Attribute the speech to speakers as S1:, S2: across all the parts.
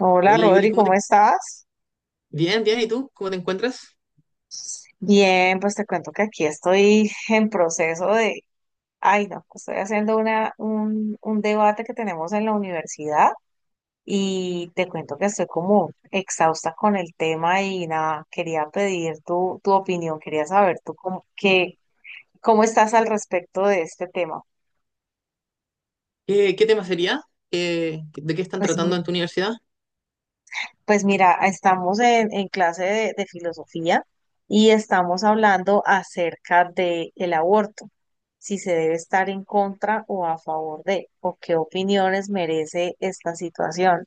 S1: Hola
S2: Hola Yuli,
S1: Rodri,
S2: ¿cómo
S1: ¿cómo
S2: te...
S1: estás?
S2: Bien, bien, ¿y tú? ¿Cómo te encuentras?
S1: Bien, pues te cuento que aquí estoy ay no, estoy haciendo un debate que tenemos en la universidad y te cuento que estoy como exhausta con el tema y nada, quería pedir tu opinión, quería saber cómo estás al respecto de este tema.
S2: ¿¿Qué tema sería? ¿¿De qué están
S1: Pues
S2: tratando en tu universidad?
S1: Pues mira, estamos en clase de filosofía y estamos hablando acerca de el aborto, si se debe estar en contra o a favor de, o qué opiniones merece esta situación.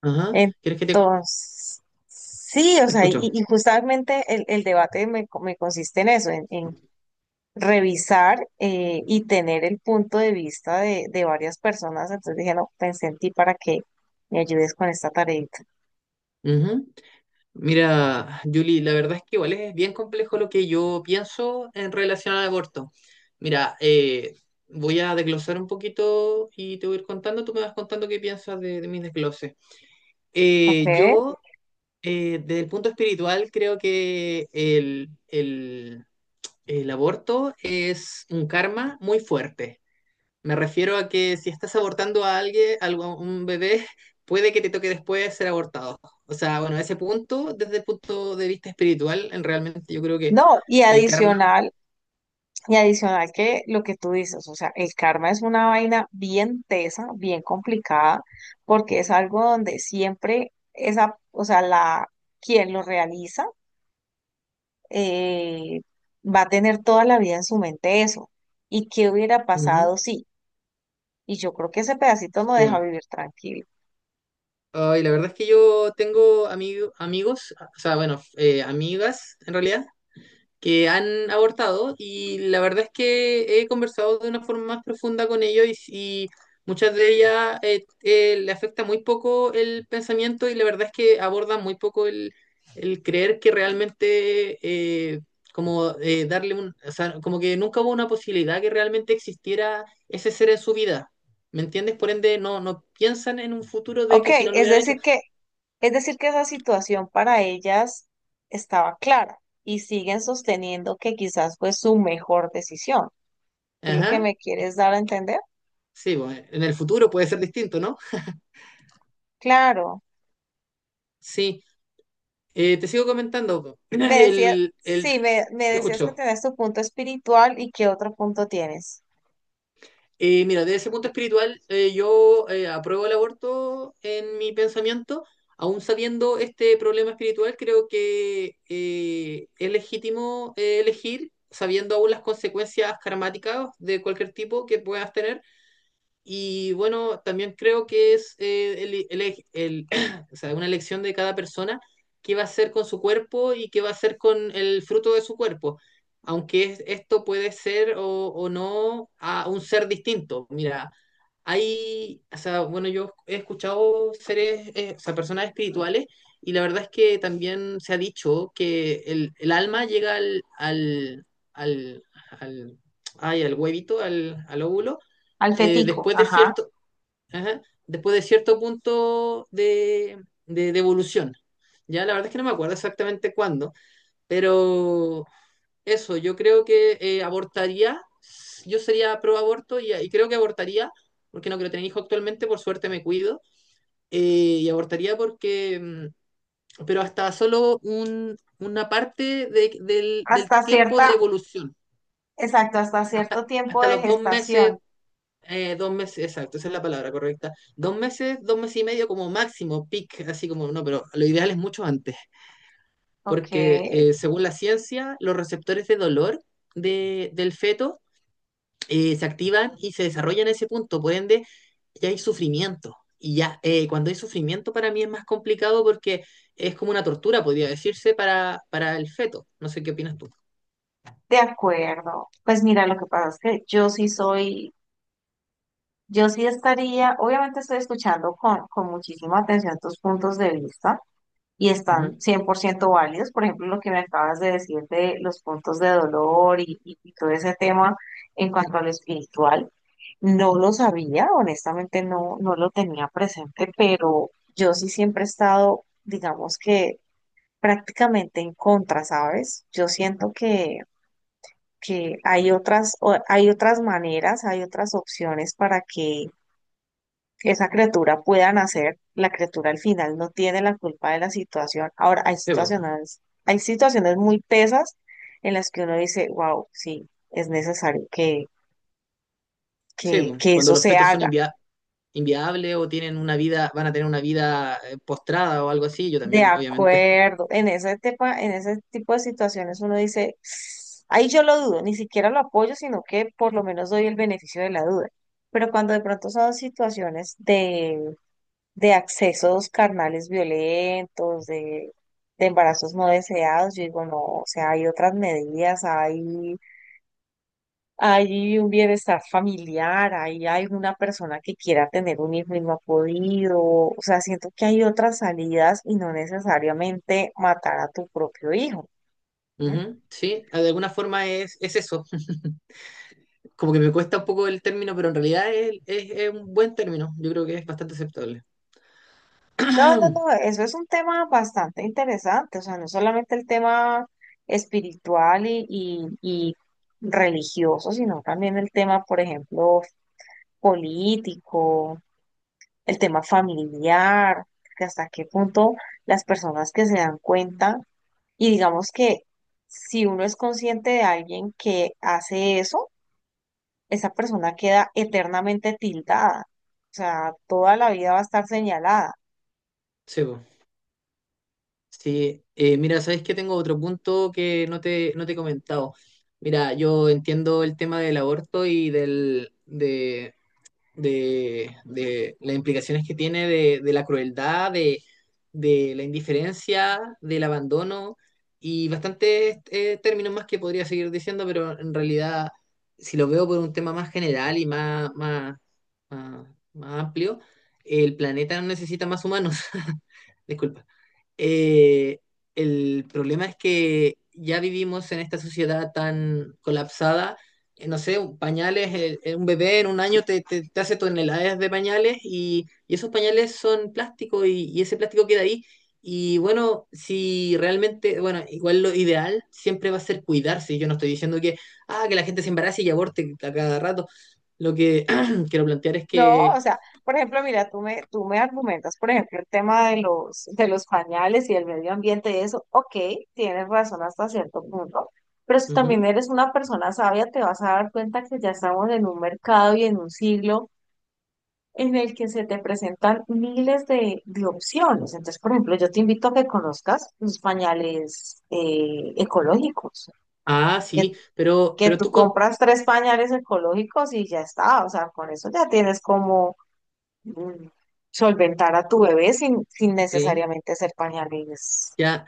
S2: Ajá, ¿quieres que te,
S1: Entonces, sí, o
S2: te
S1: sea, y,
S2: escucho?
S1: y justamente el debate me consiste en eso, en revisar y tener el punto de vista de varias personas. Entonces dije, no, pensé en ti para que me ayudes con esta tareita.
S2: Ujú. Mira, Julie, la verdad es que igual es bien complejo lo que yo pienso en relación al aborto. Mira, voy a desglosar un poquito y te voy a ir contando, tú me vas contando qué piensas de mis desgloses.
S1: ¿Ok?
S2: Eh, yo, Desde el punto espiritual, creo que El aborto es un karma muy fuerte. Me refiero a que si estás abortando a alguien, algo- a un bebé, puede que te toque después ser abortado. O sea, bueno, ese punto, desde el punto de vista espiritual, en- realmente yo creo que
S1: No, y
S2: el karma.
S1: adicional, Y adicional que lo que tú dices, o sea, el karma es una vaina bien tesa, bien complicada, porque es algo donde siempre esa, o sea, la, quien lo realiza eh, va a tener toda la vida en su mente eso. ¿Y qué hubiera
S2: Ujú,
S1: pasado si? Y yo creo que ese pedacito no deja
S2: sí.
S1: vivir tranquilo.
S2: Ay, la verdad es que yo tengo ami- amigos, o sea, bueno, amigas en realidad, que han abortado y la verdad es que he conversado de una forma más profunda con ellos y muchas de ellas le afecta muy poco el pensamiento y la verdad es que abordan muy poco el creer que realmente como darle un, o sea, como que nunca hubo una posibilidad que realmente existiera ese ser en su vida. ¿Me entiendes? Por ende, no, no piensan en un futuro de
S1: Ok,
S2: que si no lo
S1: es
S2: hubieran hecho.
S1: decir que, es decir que esa situación para ellas estaba clara y siguen sosteniendo que quizás fue su mejor decisión. ¿Es lo que
S2: Ajá.
S1: me quieres dar a entender?
S2: Sí, bueno, en el futuro puede ser distinto, ¿no?
S1: Claro.
S2: Sí. Te sigo comentando, po.
S1: Me decías, sí, me
S2: Te
S1: decías que
S2: escucho.
S1: tenés tu punto espiritual y qué otro punto tienes.
S2: Mira, desde ese punto espiritual, yo apruebo el aborto en mi pensamiento, aún sabiendo este problema espiritual, creo que es legítimo elegir, sabiendo aún las consecuencias karmáticas de cualquier tipo que puedas tener. Y bueno, también creo que es o sea, una elección de cada persona qué va a hacer con su cuerpo y qué va a hacer con el fruto de su cuerpo. Aunque es- esto puede ser o no a un ser distinto. Mira, hay, o sea, bueno, yo he escuchado seres, o sea, personas espirituales y la verdad es que también se ha dicho que el alma llega al, al, ay, al huevito, al óvulo
S1: Al
S2: eh,
S1: fetico,
S2: después de
S1: ajá.
S2: cierto, ajá, después de cierto punto de evolución. Ya la verdad es que no me acuerdo exactamente cuándo, pero eso, yo creo que abortaría, yo sería pro aborto y creo que abortaría, porque no quiero tener hijo actualmente, por suerte me cuido, eh, y abortaría porque, pero hasta solo un, una parte de- del
S1: Hasta
S2: tiempo de
S1: cierta,
S2: evolución,
S1: exacto, hasta
S2: hasta,
S1: cierto tiempo
S2: hasta
S1: de
S2: los dos
S1: gestación.
S2: meses. Dos meses, exacto, esa es la palabra correcta. Dos meses y medio como máximo, peak, así como no, pero lo ideal es mucho antes,
S1: Ok,
S2: porque
S1: de
S2: según la ciencia, los receptores de dolor de- del feto se activan y se desarrollan en ese punto, por ende, ya hay sufrimiento. Y ya cuando hay sufrimiento para mí es más complicado porque es como una tortura, podría decirse, para el feto. No sé qué opinas tú.
S1: acuerdo. Pues mira, lo que pasa es que yo sí estaría, obviamente estoy escuchando con muchísima atención tus puntos de vista. Y están
S2: Ujú.
S1: 100% válidos. Por ejemplo, lo que me acabas de decir de los puntos de dolor y todo ese tema en cuanto a lo espiritual, no lo sabía, honestamente no, no lo tenía presente, pero yo sí siempre he estado, digamos que prácticamente en contra, ¿sabes? Yo siento que hay hay otras maneras, hay otras opciones para que esa criatura pueda nacer, la criatura al final no tiene la culpa de la situación. Ahora,
S2: Sí, po.
S1: hay situaciones muy pesas en las que uno dice, wow, sí, es necesario que,
S2: Sí, po.
S1: que
S2: Cuando
S1: eso
S2: los
S1: se
S2: fetos son
S1: haga.
S2: enviados inviable o tienen una vida, van a tener una vida postrada o algo así, yo
S1: De
S2: también, obviamente.
S1: acuerdo, en ese tipo de situaciones uno dice, ahí yo lo dudo, ni siquiera lo apoyo, sino que por lo menos doy el beneficio de la duda. Pero cuando de pronto son situaciones de accesos carnales violentos, de embarazos no deseados, yo digo, no, o sea, hay otras medidas, hay un bienestar familiar, hay una persona que quiera tener un hijo y no ha podido, o sea, siento que hay otras salidas y no necesariamente matar a tu propio hijo. ¿No?
S2: Ujú, sí, de alguna forma es eso. Como que me cuesta un poco el término, pero en realidad es un buen término. Yo creo que es bastante aceptable.
S1: No, no, no, eso es un tema bastante interesante, o sea, no solamente el tema espiritual y religioso, sino también el tema, por ejemplo, político, el tema familiar, que hasta qué punto las personas que se dan cuenta y digamos que si uno es consciente de alguien que hace eso, esa persona queda eternamente tildada, o sea, toda la vida va a estar señalada.
S2: Sí, po. Sí, mira, sabes que tengo otro punto que no te, no te he comentado. Mira, yo entiendo el tema del aborto y de las implicaciones que tiene de la crueldad, de la indiferencia, del abandono y bastantes términos más que podría seguir diciendo, pero en realidad, si lo veo por un tema más general y más, más amplio, el planeta no necesita más humanos. Disculpa. Eh, el problema es que ya vivimos en esta sociedad tan colapsada no sé, un- pañales, un bebé en un año te, te- te hace toneladas de pañales y esos pañales son plástico y ese plástico queda ahí. Y bueno, si realmente, bueno, igual lo ideal siempre va a ser cuidarse. Yo no estoy diciendo que, ah, que la gente se embarace y aborte a cada rato. Lo que quiero plantear es
S1: No,
S2: que...
S1: o sea, por ejemplo, mira, tú me argumentas, por ejemplo, el tema de los pañales y el medio ambiente y eso, ok, tienes razón hasta cierto punto, pero si también
S2: ujú.
S1: eres una persona sabia, te vas a dar cuenta que ya estamos en un mercado y en un siglo en el que se te presentan miles de opciones. Entonces, por ejemplo, yo te invito a que conozcas los pañales ecológicos,
S2: Ah,
S1: que,
S2: sí,
S1: que
S2: pero
S1: tú
S2: tú con...
S1: compras 3 pañales ecológicos y ya está, o sea, con eso ya tienes como mm, solventar a tu bebé sin, sin
S2: Sí,
S1: necesariamente ser pañales.
S2: ya.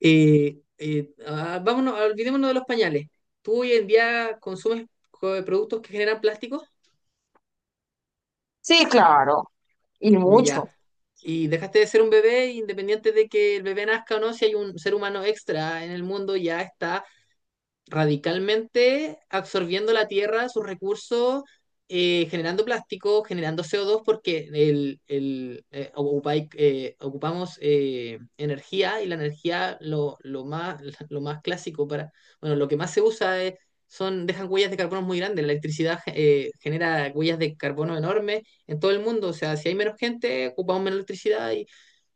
S2: vámonos, olvidémonos de los pañales. ¿Tú hoy en día consumes co- productos que generan plástico?
S1: Sí, claro, y
S2: Ya.
S1: mucho.
S2: Y dejaste de ser un bebé, independiente de que el bebé nazca o no, si hay un ser humano extra en el mundo, ya está radicalmente absorbiendo la tierra, sus recursos, generando plástico, generando CO2, porque ocupai- ocupamos energía y la energía lo más clásico para, bueno, lo que más se usa es- son, dejan huellas de carbono muy grandes, la electricidad genera huellas de carbono enormes en todo el mundo, o sea, si hay menos gente, ocupamos menos electricidad y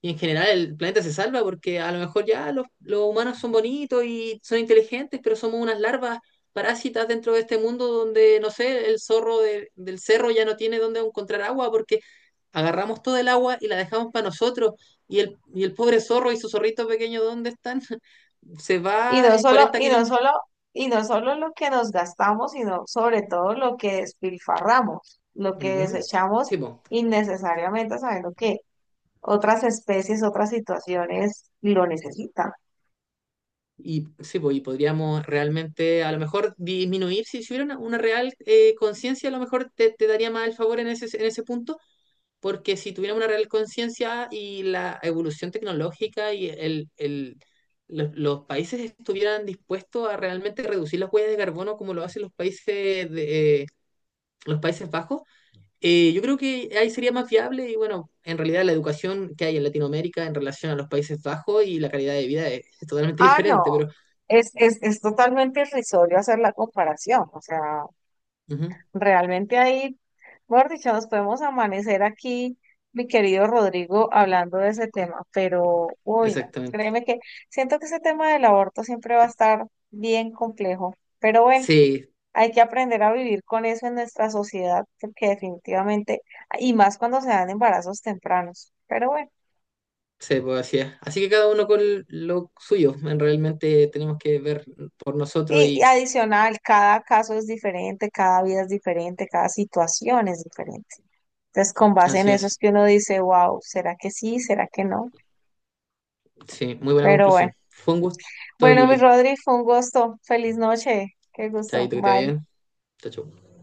S2: y en general el planeta se salva porque a lo mejor ya los humanos son bonitos y son inteligentes, pero somos unas larvas parásitas dentro de este mundo donde, no sé, el zorro de- del cerro ya no tiene dónde encontrar agua porque agarramos todo el agua y la dejamos para nosotros. Y el pobre zorro y su zorrito pequeño, ¿dónde están? Se
S1: Y
S2: va
S1: no
S2: en
S1: solo,
S2: 40
S1: y no
S2: kilómetros.
S1: solo, y no solo lo que nos gastamos, sino sobre todo lo que despilfarramos, lo que
S2: Ujú.
S1: desechamos
S2: Sí, po.
S1: innecesariamente, sabiendo que otras especies, otras situaciones lo necesitan.
S2: Sí, po, y podríamos realmente a lo mejor disminuir, si si hubiera una real conciencia, a lo mejor te, te daría más el favor en ese punto, porque si tuviéramos una real conciencia y la evolución tecnológica y los países estuvieran dispuestos a realmente reducir las huellas de carbono como lo hacen los países de, los Países Bajos, yo creo que ahí sería más viable y bueno, en realidad la educación que hay en Latinoamérica en relación a los Países Bajos y la calidad de vida es totalmente
S1: Ah, no,
S2: diferente, pero
S1: es totalmente irrisorio hacer la comparación, o sea.
S2: ujú,
S1: Realmente ahí, mejor dicho, nos podemos amanecer aquí, mi querido Rodrigo, hablando de ese tema, pero, uy, no,
S2: exactamente.
S1: créeme que siento que ese tema del aborto siempre va a estar bien complejo, pero bueno,
S2: Sí,
S1: hay que aprender a vivir con eso en nuestra sociedad, porque definitivamente, y más cuando se dan embarazos tempranos, pero bueno,
S2: sí, pues así es. Así que cada uno con lo suyo, en realmente tenemos que ver por nosotros
S1: y, y
S2: y
S1: adicional, cada caso es diferente, cada vida es diferente, cada situación es diferente. Entonces, con base en
S2: así
S1: eso
S2: es.
S1: es que uno dice, wow, ¿será que sí? ¿Será que no?
S2: Sí, muy buena
S1: Pero bueno.
S2: conclusión. Fue un gusto,
S1: Bueno, mi
S2: Yuli.
S1: Rodri, fue un gusto. Feliz noche. Qué gusto.
S2: Chaito, que te vaya.
S1: Bye.
S2: Bien. Chao, chao.